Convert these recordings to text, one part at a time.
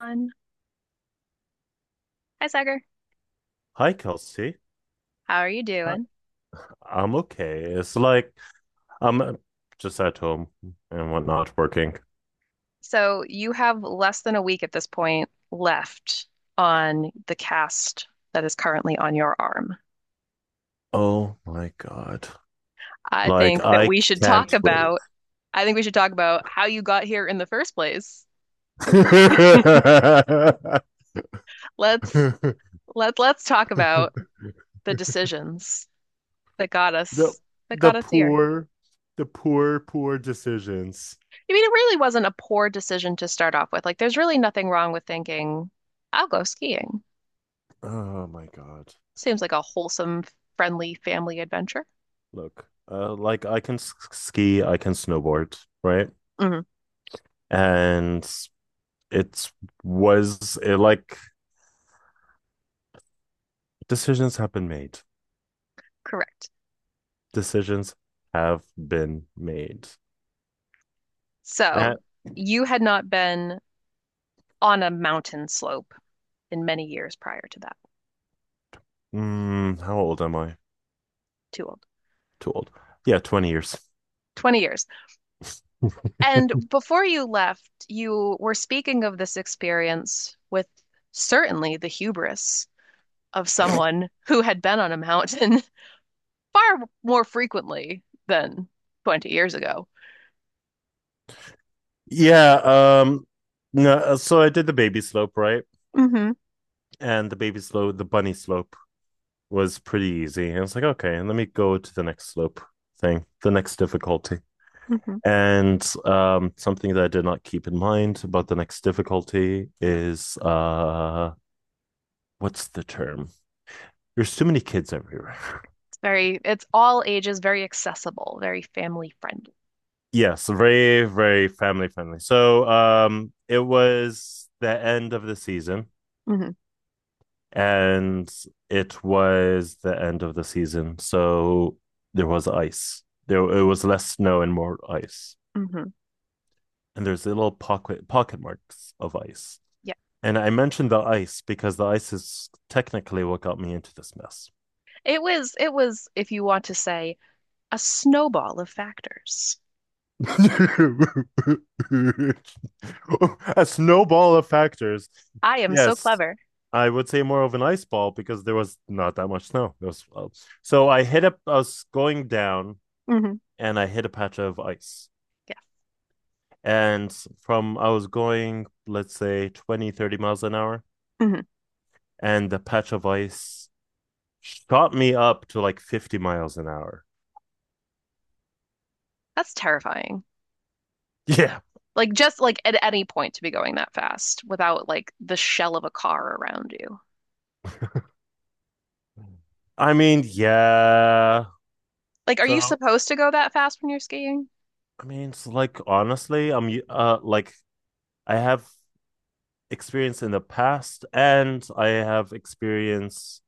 One. Hi, Sagar. Hi, Kelsey. How are you Hi. doing? I'm okay. It's like I'm just at home and whatnot working. So you have less than a week at this point left on the cast that is currently on your arm. Oh my God. I Like think that I we should can't talk wait. about I think we should talk about how you got here in the first place. Let's let's talk about the decisions that got The us that the got us here. poor, the poor, poor decisions. I mean, it really wasn't a poor decision to start off with. Like, there's really nothing wrong with thinking, I'll go skiing. Oh my God. Seems like a wholesome, friendly family adventure. Look, like I can ski, I can snowboard, right? Hmm. And it's was it, like Decisions have been made. Correct. Decisions have been made. So At you had not been on a mountain slope in many years prior to that. How old am I? Too old. Too old. Yeah, 20 years. 20 years. And before you left, you were speaking of this experience with certainly the hubris of someone who had been on a mountain far more frequently than 20 years ago. yeah, no, So I did the baby slope, right? Hmm. And the baby slope, the bunny slope was pretty easy. And I was like, okay, and let me go to the next slope thing, the next difficulty. Hmm. And something that I did not keep in mind about the next difficulty is what's the term? There's too many kids everywhere. It's all ages, very accessible, very family friendly. Yes, very, very family friendly. So, it was the end of the season, Hmm. and it was the end of the season. So there was ice. There, it was less snow and more ice. Hmm. And there's little pocket marks of ice. Yeah. And I mentioned the ice because the ice is technically what got me into this mess. It was, if you want to say, a snowball of factors. A snowball of factors. I am so Yes, clever. I would say more of an ice ball because there was not that much snow. There was, so I was going down Hmm. and I hit a patch of ice. Yeah. And from, I was going, let's say 20, 30 miles an hour. Hmm. And the patch of ice shot me up to like 50 miles an hour. That's terrifying. Yeah. Like just like at any point to be going that fast without like the shell of a car around you. I mean, yeah. Like, are you So, supposed to go that fast when you're skiing? I mean, it's like, honestly, I have experience in the past and I have experience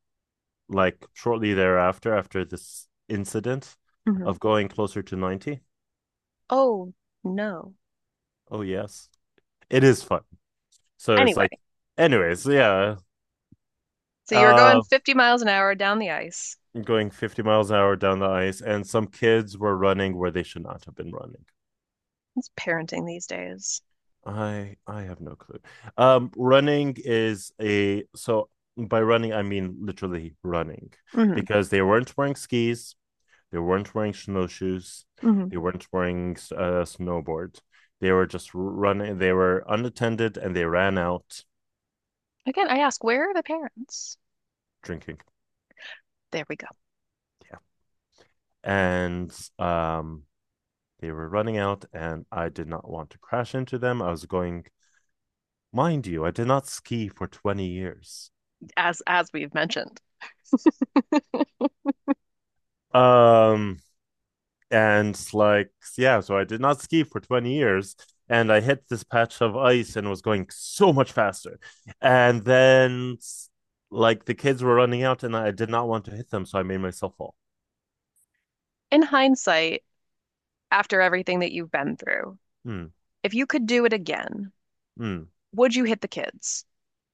like shortly thereafter, after this incident Hmm. of going closer to 90. Oh, no. Oh, yes, it is fun. So it's Anyway, like, anyways, yeah, so you were going uh, 50 miles an hour down the ice. going 50 miles an hour down the ice, and some kids were running where they should not have been running. It's parenting these days. I have no clue. Running is a so By running I mean literally running Hmm. because they weren't wearing skis. They weren't wearing snowshoes. Hmm. They weren't wearing snowboards. They were just running. They were unattended and they ran out Again, I ask, where are the parents? drinking. There we go. Yeah. And um, they were running out, and I did not want to crash into them. I was going, mind you, I did not ski for 20 years. As we've mentioned. Um, and like yeah so I did not ski for 20 years and I hit this patch of ice and was going so much faster and then like the kids were running out and I did not want to hit them so I made myself fall. In hindsight, after everything that you've been through, Hmm. if you could do it again, Hmm. would you hit the kids?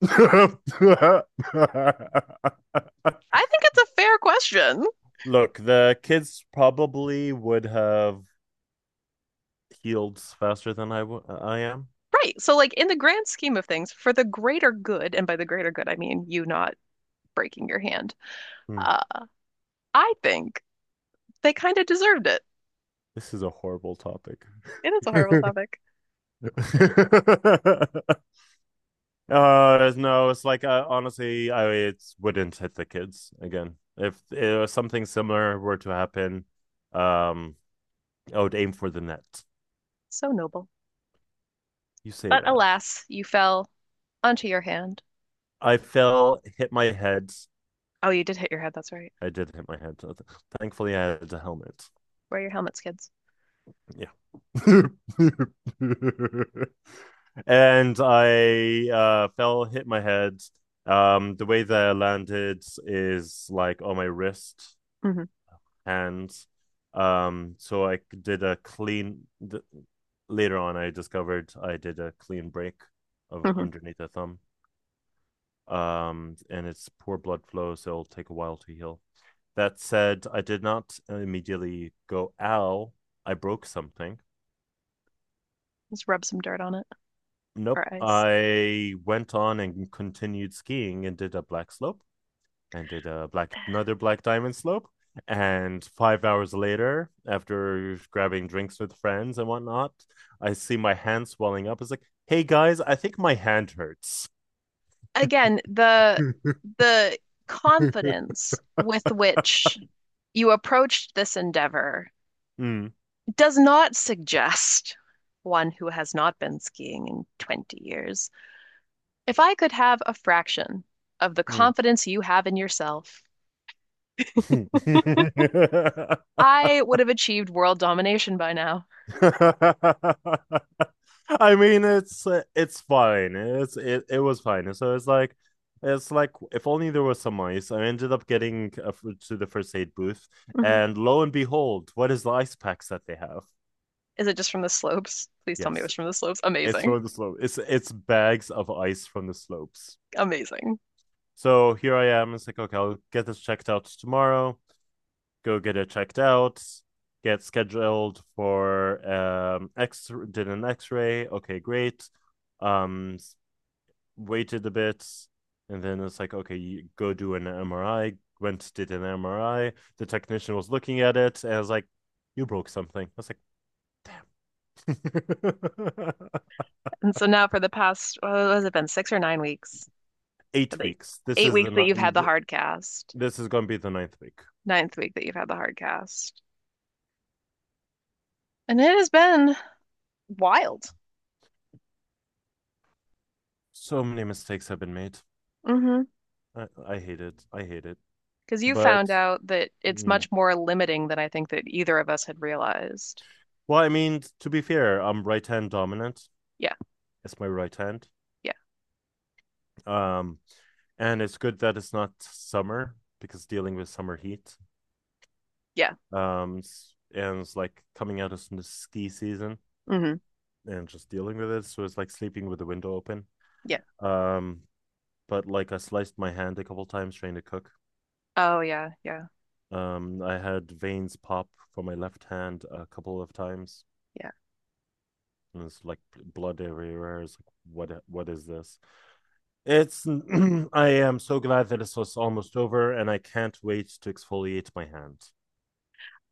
I think it's a fair question. Look, the kids probably would have healed faster than I am. Right. So, like, in the grand scheme of things, for the greater good, and by the greater good, I mean you not breaking your hand, Hmm. uh, I think they kind of deserved it. This is a horrible topic. It is a horrible topic. No, it's like honestly, I it wouldn't hit the kids again. If something similar were to happen, um, I would aim for the net. So noble. You say But that. alas, you fell onto your hand. I fell, hit my head. Oh, you did hit your head. That's right. I did hit my head. Thankfully, I had a helmet. Wear your helmets, kids. Yeah. And I fell, hit my head. The way that I landed is like on my wrist, Hmm. hands. So I did a clean. Th- Later on, I discovered I did a clean break of Hmm. underneath the thumb. And it's poor blood flow, so it'll take a while to heal. That said, I did not immediately go, ow, I broke something. Just rub some dirt on it Nope. or ice. I went on and continued skiing and did a black diamond slope. And 5 hours later, after grabbing drinks with friends and whatnot, I see my hand swelling up. It's like, hey guys, I think my hand hurts. Again, the confidence with which you approached this endeavor Mm, does not suggest one who has not been skiing in 20 years. If I could have a fraction of the mm. confidence you have in yourself, I would have achieved world domination by now. I mean, it's fine. It was fine. It's like if only there was some ice. I ended up getting to the first aid booth, Mhm. and lo and behold, what is the ice packs that they have? Is it just from the slopes? Please tell me it Yes, was from the slopes. it's Amazing. from the slope. It's bags of ice from the slopes. Amazing. So here I am. It's like okay, I'll get this checked out tomorrow. Go get it checked out, get scheduled for X did an X-ray. Okay, great. Um, Waited a bit, and then it's like, okay, you go do an MRI. Went Did an MRI. The technician was looking at it, and I was like, "You broke something." I was like, And so now for the past, what has it been, 6 or 9 weeks? eight The weeks. Eight weeks that you've had the hard cast, This is gonna be the ninth week. ninth week that you've had the hard cast. And it has been wild. So many mistakes have been made. Mm-hmm. I hate it. I hate it. Because you But found out that it's mm, much more limiting than I think that either of us had realized. Well, I mean, to be fair, I'm right hand dominant. Yeah, It's my right hand. yeah, Um, and it's good that it's not summer because dealing with summer heat. yeah. Um, and it's like coming out of the ski season Hmm. and just dealing with it. So it's like sleeping with the window open. Yeah. Um, but like I sliced my hand a couple times trying to cook. Oh, yeah, yeah, I had veins pop from my left hand a couple of times, yeah. and it's like blood everywhere. It's like, what is this? It's. I am so glad that it's just almost over, and I can't wait to exfoliate my hand.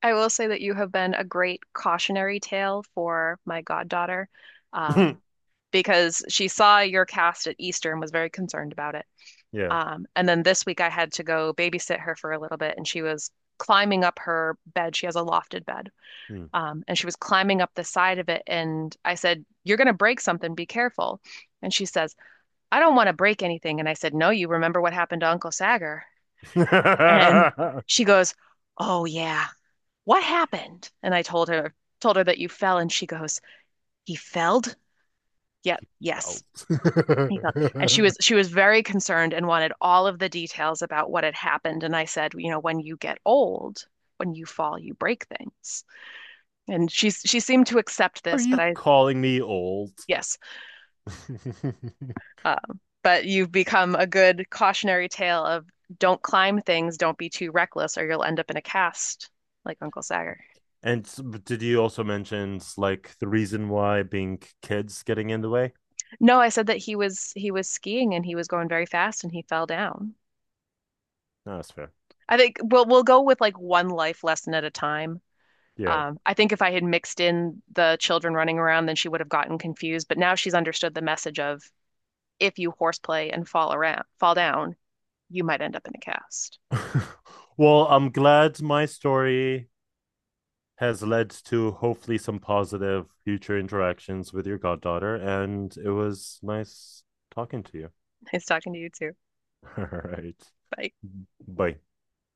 I will say that you have been a great cautionary tale for my goddaughter, um, because she saw your cast at Easter and was very concerned about it. Yeah. And then this week I had to go babysit her for a little bit, and she was climbing up her bed. She has a lofted bed. Mm. And she was climbing up the side of it, and I said, "You're going to break something. Be careful." And she says, I don't want to break anything. And I said, No, you remember what happened to Uncle Sagar? And she goes, Oh yeah, what happened? And I told her that you fell, and she goes, He felled? Yep, yes. Oh, you're old. He fell. And she was very concerned and wanted all of the details about what had happened. And I said, you know, when you get old, when you fall, you break things. And she seemed to accept Are this, but you I calling me old? yes. But you've become a good cautionary tale of don't climb things, don't be too reckless, or you'll end up in a cast, like Uncle Sagar. And did you also mention like the reason why being kids getting in the way? No, I said that he was skiing and he was going very fast and he fell down. No, that's fair. I think we'll go with like one life lesson at a time. Yeah. I think if I had mixed in the children running around, then she would have gotten confused. But now she's understood the message of if you horseplay and fall around, fall down, you might end up in a cast. Well, I'm glad my story has led to hopefully some positive future interactions with your goddaughter. And it was nice talking to you. Nice talking to you too. All right. Bye. Bye.